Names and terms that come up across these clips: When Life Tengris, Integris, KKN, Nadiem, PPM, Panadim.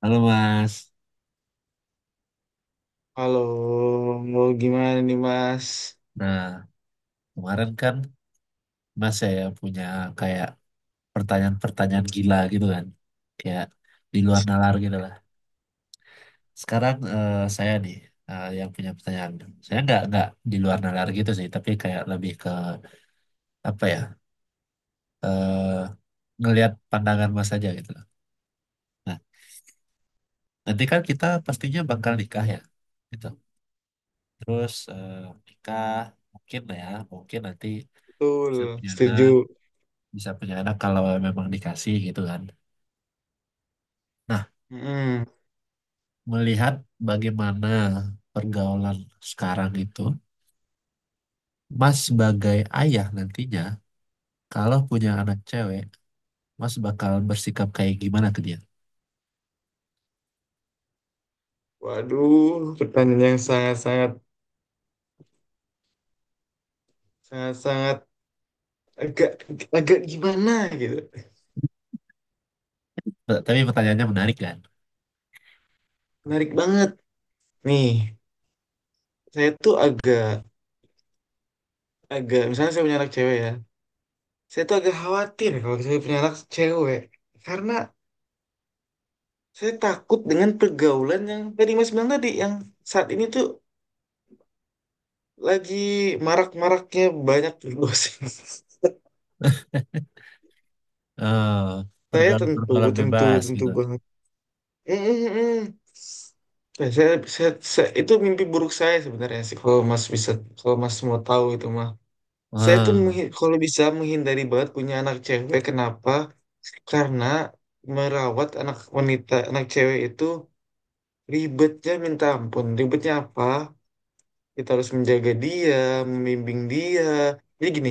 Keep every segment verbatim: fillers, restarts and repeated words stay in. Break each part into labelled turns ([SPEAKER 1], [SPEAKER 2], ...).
[SPEAKER 1] Halo Mas.
[SPEAKER 2] Halo, mau gimana nih Mas?
[SPEAKER 1] Nah, kemarin kan Mas saya punya kayak pertanyaan-pertanyaan gila gitu kan. Kayak di luar nalar gitu lah. Sekarang eh, saya nih, eh, yang punya pertanyaan. Saya nggak nggak di luar nalar gitu sih, tapi kayak lebih ke apa ya? eh Ngelihat pandangan Mas aja gitu loh. Nah, nanti kan kita pastinya bakal nikah ya. Gitu. Terus eh, nikah mungkin lah ya, mungkin nanti bisa
[SPEAKER 2] Betul,
[SPEAKER 1] punya anak,
[SPEAKER 2] setuju.
[SPEAKER 1] bisa punya anak kalau memang dikasih gitu kan. Nah,
[SPEAKER 2] Mm-mm.
[SPEAKER 1] melihat bagaimana pergaulan sekarang itu, Mas sebagai ayah nantinya, kalau punya anak cewek, Mas bakal bersikap kayak gimana ke dia?
[SPEAKER 2] Waduh, pertanyaan yang sangat-sangat, sangat-sangat agak, agak gimana gitu.
[SPEAKER 1] T- Tapi pertanyaannya menarik kan?
[SPEAKER 2] Menarik banget. Nih, saya tuh agak, agak, misalnya saya punya anak cewek ya. Saya tuh agak khawatir kalau saya punya anak cewek. Karena saya takut dengan pergaulan yang tadi Mas bilang tadi, yang saat ini tuh lagi marak-maraknya banyak dosen.
[SPEAKER 1] Eh,
[SPEAKER 2] Saya
[SPEAKER 1] Pergaulan
[SPEAKER 2] tentu,
[SPEAKER 1] pergaulan
[SPEAKER 2] tentu,
[SPEAKER 1] bebas
[SPEAKER 2] tentu
[SPEAKER 1] gitu.
[SPEAKER 2] banget. Mm, mm, mm. Ya, saya, saya, saya- itu mimpi buruk saya sebenarnya sih kalau Mas bisa kalau Mas mau tahu itu mah. Saya
[SPEAKER 1] Eh,
[SPEAKER 2] tuh menghi- kalau bisa menghindari banget punya anak cewek. Kenapa? Karena merawat anak wanita, anak cewek itu ribetnya minta ampun. Ribetnya apa? Kita harus menjaga dia, membimbing dia. Jadi gini,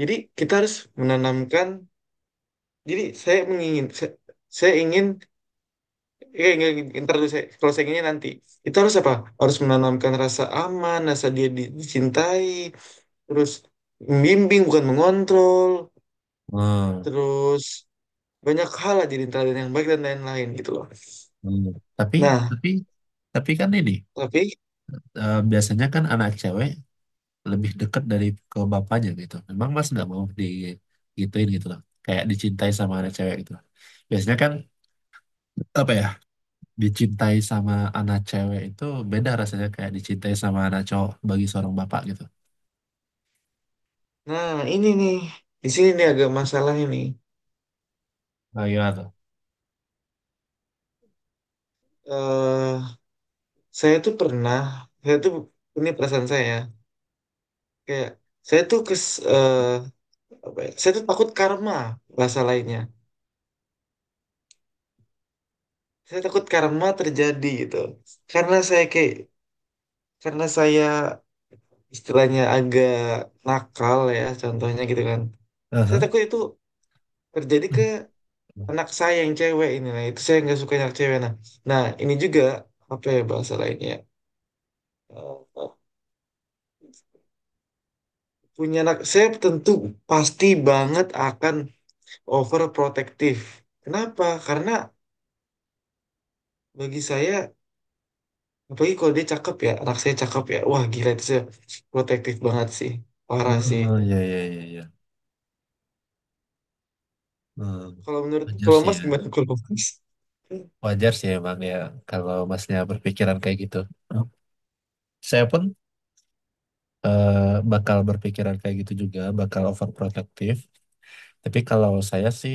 [SPEAKER 2] jadi kita harus menanamkan. Jadi saya mengingin, saya, saya ingin iya, iya, iya, ntar dulu saya, kalau saya ingin nanti itu harus apa? Harus menanamkan rasa aman, rasa dia di- dicintai, terus membimbing bukan mengontrol,
[SPEAKER 1] eh,
[SPEAKER 2] terus banyak hal lah jadi teladan yang baik dan lain-lain gitu loh.
[SPEAKER 1] eh. Tapi
[SPEAKER 2] Nah,
[SPEAKER 1] tapi tapi kan ini,
[SPEAKER 2] tapi
[SPEAKER 1] eh, biasanya kan anak cewek lebih dekat dari ke bapaknya gitu. Memang Mas nggak mau digituin gitu loh. Kayak dicintai sama anak cewek gitu. Biasanya kan apa ya? Dicintai sama anak cewek itu beda rasanya kayak dicintai sama anak cowok bagi seorang bapak gitu.
[SPEAKER 2] nah ini nih di sini nih agak masalah ini.
[SPEAKER 1] Nah, gimana tuh?
[SPEAKER 2] eh saya tuh pernah, saya tuh ini perasaan saya ya. Kayak saya tuh kes, eh, apa ya? Saya tuh takut karma bahasa lainnya. Saya takut karma terjadi gitu karena saya kayak karena saya istilahnya agak nakal ya contohnya gitu kan. Saya
[SPEAKER 1] Aha.
[SPEAKER 2] takut itu terjadi ke
[SPEAKER 1] Hmm.
[SPEAKER 2] anak saya yang cewek ini. Nah, itu saya nggak suka anak cewek. Nah, nah ini juga apa ya bahasa lainnya ya? Eh, Punya anak saya tentu pasti banget akan overprotektif. Kenapa? Karena bagi saya apalagi kalau dia cakep ya, anak saya cakep ya, wah gila itu saya protektif banget sih, parah sih.
[SPEAKER 1] Oh, ya, ya, ya, ya. Hmm.
[SPEAKER 2] Kalau menurut
[SPEAKER 1] Wajar
[SPEAKER 2] kalau
[SPEAKER 1] sih
[SPEAKER 2] Mas
[SPEAKER 1] ya.
[SPEAKER 2] gimana kalau Mas?
[SPEAKER 1] Wajar sih emang ya kalau masnya berpikiran kayak gitu. Saya pun eh, bakal berpikiran kayak gitu juga, bakal overprotective. Tapi kalau saya sih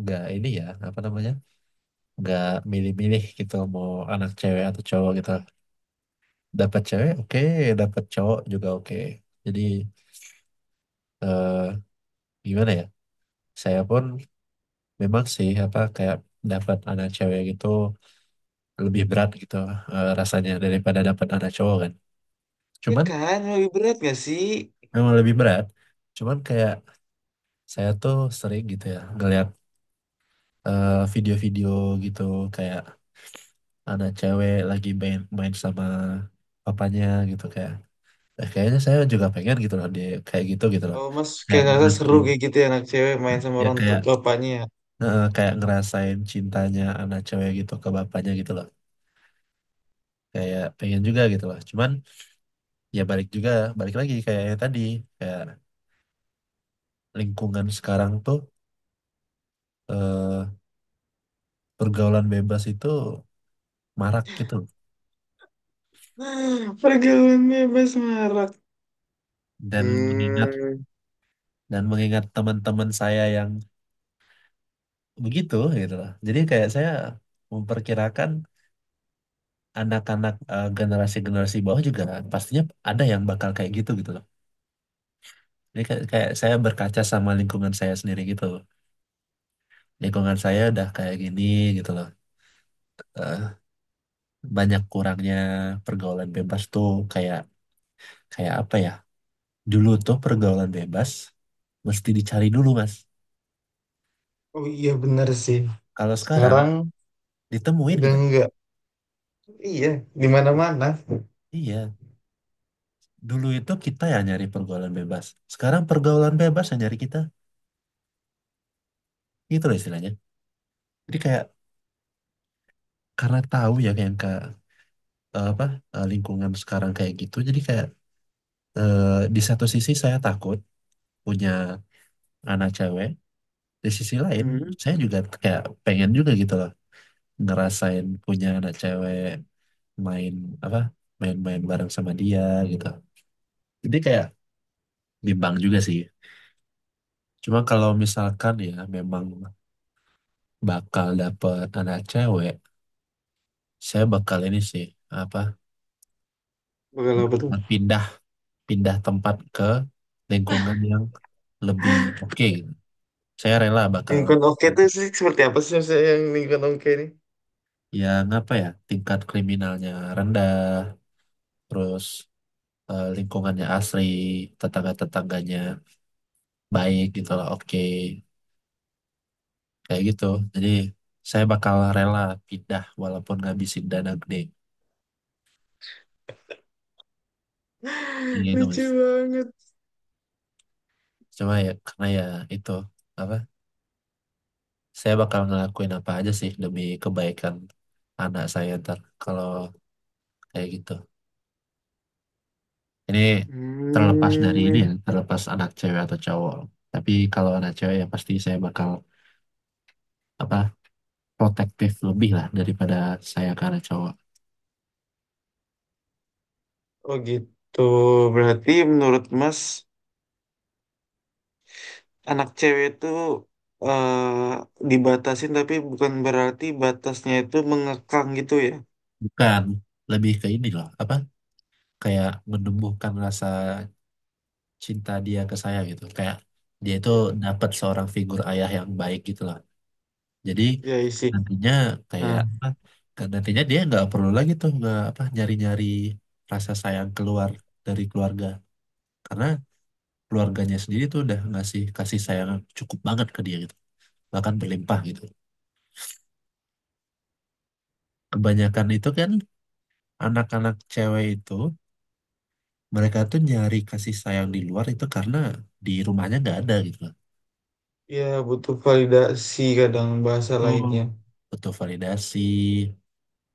[SPEAKER 1] nggak ini ya, apa namanya, nggak milih-milih gitu mau anak cewek atau cowok gitu. Dapat cewek oke, dapat cowok juga oke. Jadi eh, gimana ya, saya pun memang sih apa kayak dapat anak cewek gitu lebih berat gitu eh, rasanya daripada dapat anak cowok kan,
[SPEAKER 2] Ya
[SPEAKER 1] cuman
[SPEAKER 2] kan, lebih berat gak sih?
[SPEAKER 1] memang lebih berat, cuman kayak saya tuh sering gitu ya ngeliat eh, video-video gitu kayak anak cewek lagi main main sama papanya gitu, kayak eh, kayaknya saya juga pengen gitu loh dia kayak gitu gitu loh,
[SPEAKER 2] Oh Mas
[SPEAKER 1] kayak
[SPEAKER 2] kayak ngerasa seru
[SPEAKER 1] ngerasain,
[SPEAKER 2] kayak gitu ya, anak cewek main sama
[SPEAKER 1] ya
[SPEAKER 2] orang tua
[SPEAKER 1] kayak
[SPEAKER 2] bapaknya. Ya?
[SPEAKER 1] eh, kayak ngerasain cintanya anak cewek gitu ke bapaknya gitu loh, kayak pengen juga gitu lah cuman ya balik juga, balik lagi kayak yang tadi, kayak lingkungan sekarang tuh, eh, pergaulan bebas itu marak gitu,
[SPEAKER 2] Ah, pergaulan bebas marak.
[SPEAKER 1] dan mengingat,
[SPEAKER 2] Hmm.
[SPEAKER 1] dan mengingat teman-teman saya yang begitu gitu lah, jadi kayak saya memperkirakan anak-anak eh, generasi-generasi bawah juga pastinya ada yang bakal kayak gitu gitu loh. Jadi kayak, kayak saya berkaca sama lingkungan saya sendiri gitu, lingkungan saya udah kayak gini gitu loh. Eh, Banyak kurangnya pergaulan bebas tuh kayak, kayak apa ya? Dulu tuh pergaulan bebas mesti dicari dulu, Mas.
[SPEAKER 2] Oh iya bener sih.
[SPEAKER 1] Kalau sekarang
[SPEAKER 2] Sekarang
[SPEAKER 1] ditemuin
[SPEAKER 2] udah
[SPEAKER 1] kita.
[SPEAKER 2] enggak. Iya, di mana-mana.
[SPEAKER 1] Iya, dulu itu kita yang nyari pergaulan bebas. Sekarang pergaulan bebas yang nyari kita. Gitu loh istilahnya. Jadi kayak karena tahu ya kayak yang ke eh, apa, eh, lingkungan sekarang kayak gitu. Jadi kayak eh, di satu sisi saya takut punya anak cewek, di sisi lain
[SPEAKER 2] Hmm.
[SPEAKER 1] saya juga kayak pengen juga gitu loh ngerasain punya anak cewek main, apa, main-main bareng sama dia gitu, jadi kayak bimbang juga sih. Cuma kalau misalkan ya memang bakal dapet anak cewek, saya bakal ini sih, apa,
[SPEAKER 2] Bakal apa tuh?
[SPEAKER 1] bakal pindah, pindah tempat ke lingkungan yang lebih oke gitu. Saya rela bakal
[SPEAKER 2] Lingkungan oke tuh sih seperti apa sih, maksudnya yang lingkungan oke ini?
[SPEAKER 1] yang apa ya, tingkat kriminalnya rendah, terus eh, lingkungannya asri, tetangga-tetangganya baik gitu lah, oke kayak gitu. Jadi saya bakal rela pindah walaupun ngabisin dana gede. Iya itu
[SPEAKER 2] Lucu
[SPEAKER 1] mas,
[SPEAKER 2] banget.
[SPEAKER 1] cuma ya karena ya itu, apa, saya bakal ngelakuin apa aja sih demi kebaikan anak saya ntar kalau kayak gitu. Ini terlepas dari ini
[SPEAKER 2] Hmm.
[SPEAKER 1] ya, terlepas anak cewek atau cowok, tapi kalau anak cewek ya pasti saya bakal, apa, protektif lebih lah daripada saya ke anak cowok.
[SPEAKER 2] Oh gitu. Berarti menurut Mas anak cewek itu eh, dibatasin tapi bukan berarti batasnya itu mengekang gitu ya.
[SPEAKER 1] Bukan, lebih ke ini loh, apa, kayak menumbuhkan rasa cinta dia ke saya gitu, kayak dia itu
[SPEAKER 2] Iya.
[SPEAKER 1] dapat seorang figur ayah yang baik gitu lah. Jadi
[SPEAKER 2] Ya isi.
[SPEAKER 1] nantinya kayak
[SPEAKER 2] Nah,
[SPEAKER 1] apa, kan nantinya dia nggak perlu lagi tuh, nggak apa, nyari-nyari rasa sayang keluar dari keluarga karena keluarganya sendiri tuh udah ngasih kasih sayang yang cukup banget ke dia gitu, bahkan berlimpah gitu. Kebanyakan itu kan anak-anak cewek itu mereka tuh nyari kasih sayang di luar itu karena di rumahnya nggak ada gitu loh.
[SPEAKER 2] ya butuh validasi kadang bahasa
[SPEAKER 1] Betul.
[SPEAKER 2] lainnya.
[SPEAKER 1] Butuh validasi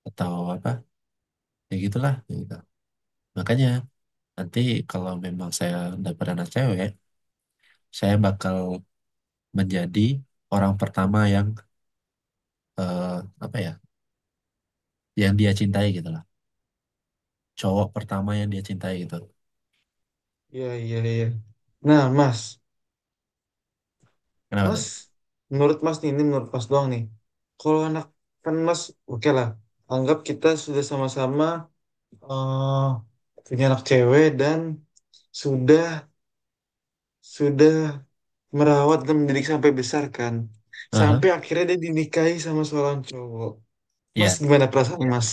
[SPEAKER 1] atau apa, ya gitulah ya gitu. Makanya nanti kalau memang saya dapat anak cewek, saya bakal menjadi orang pertama yang eh, apa ya, yang dia cintai gitu lah. Cowok pertama yang dia cintai gitu.
[SPEAKER 2] Iya, iya, iya. Nah, Mas,
[SPEAKER 1] Kenapa
[SPEAKER 2] Mas,
[SPEAKER 1] tuh?
[SPEAKER 2] menurut Mas nih, ini menurut Mas doang nih. Kalau anak kan Mas, oke lah. Anggap kita sudah sama-sama eh, punya anak cewek dan sudah sudah merawat dan mendidik sampai besar kan.
[SPEAKER 1] Aha.
[SPEAKER 2] Sampai akhirnya dia dinikahi sama seorang cowok. Mas
[SPEAKER 1] Ya.
[SPEAKER 2] gimana perasaan iya Mas?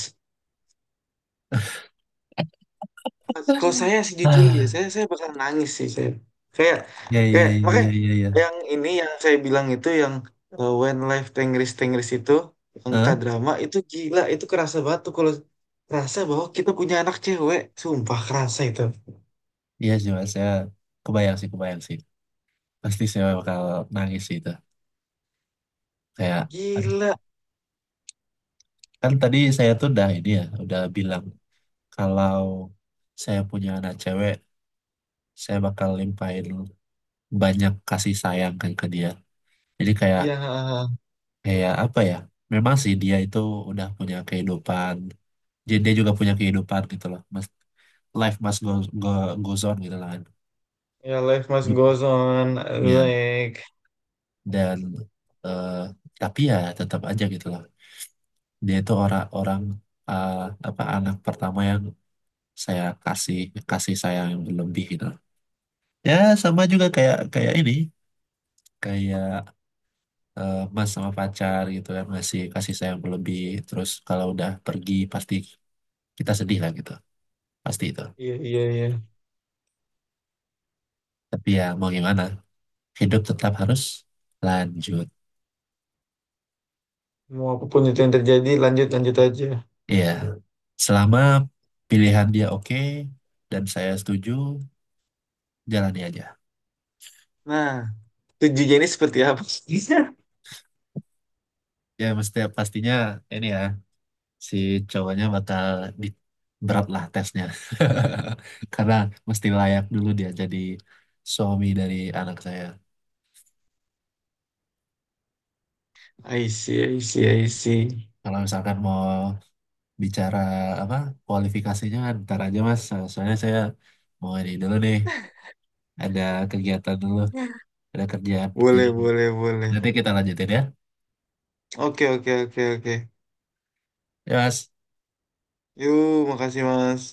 [SPEAKER 2] Kalau saya sih jujur ya,
[SPEAKER 1] Ah,
[SPEAKER 2] saya saya bakal nangis sih saya. Kayak
[SPEAKER 1] ya ya
[SPEAKER 2] kayak makanya
[SPEAKER 1] ya ya ya.
[SPEAKER 2] yang ini yang saya bilang itu yang uh, When Life Tengris Tengris itu yang
[SPEAKER 1] Hah?
[SPEAKER 2] K-drama itu gila, itu kerasa banget tuh kalau kerasa bahwa kita punya anak cewek, sumpah kerasa itu.
[SPEAKER 1] Iya sih mas, saya kebayang sih, kebayang sih. Pasti saya bakal nangis sih itu. Kayak aduh,
[SPEAKER 2] Gila.
[SPEAKER 1] kan tadi saya tuh udah ini ya, udah bilang kalau saya punya anak cewek, saya bakal limpahin banyak kasih sayang kan ke dia. Jadi kayak,
[SPEAKER 2] Ya,
[SPEAKER 1] kayak apa ya? Memang sih dia itu udah punya kehidupan. Jadi dia juga punya kehidupan gitu loh. Mas, life must go, go, goes on gitu lah kan.
[SPEAKER 2] ya life must
[SPEAKER 1] Yup.
[SPEAKER 2] goes on.
[SPEAKER 1] Ya,
[SPEAKER 2] Like,
[SPEAKER 1] dan eh, tapi ya tetap aja gitu loh. Dia itu orang-orang, eh, apa, anak pertama yang saya kasih kasih sayang yang berlebih gitu. Loh. Ya sama juga kayak, kayak ini, kayak eh, mas sama pacar gitu kan ngasih kasih sayang berlebih, terus kalau udah pergi pasti kita sedih lah gitu, pasti itu.
[SPEAKER 2] iya iya iya.
[SPEAKER 1] Tapi ya mau gimana, hidup tetap harus lanjut.
[SPEAKER 2] Mau apapun itu yang terjadi, lanjut lanjut aja.
[SPEAKER 1] Iya, selama pilihan dia oke dan saya setuju, jalani aja.
[SPEAKER 2] Nah, tujuannya ini seperti apa, maksudnya?
[SPEAKER 1] Ya mesti pastinya ini ya, si cowoknya bakal di, berat lah tesnya karena mesti layak dulu dia jadi suami dari anak saya.
[SPEAKER 2] I see, I see, I see.
[SPEAKER 1] Kalau misalkan mau bicara apa kualifikasinya ntar aja mas. So- Soalnya saya mau ini dulu nih, ada kegiatan dulu,
[SPEAKER 2] Nah,
[SPEAKER 1] ada kerjaan. Jadi
[SPEAKER 2] boleh, boleh, boleh.
[SPEAKER 1] nanti kita lanjutin ya.
[SPEAKER 2] Oke, oke, oke, oke.
[SPEAKER 1] Ya mas.
[SPEAKER 2] Yuk, makasih, Mas.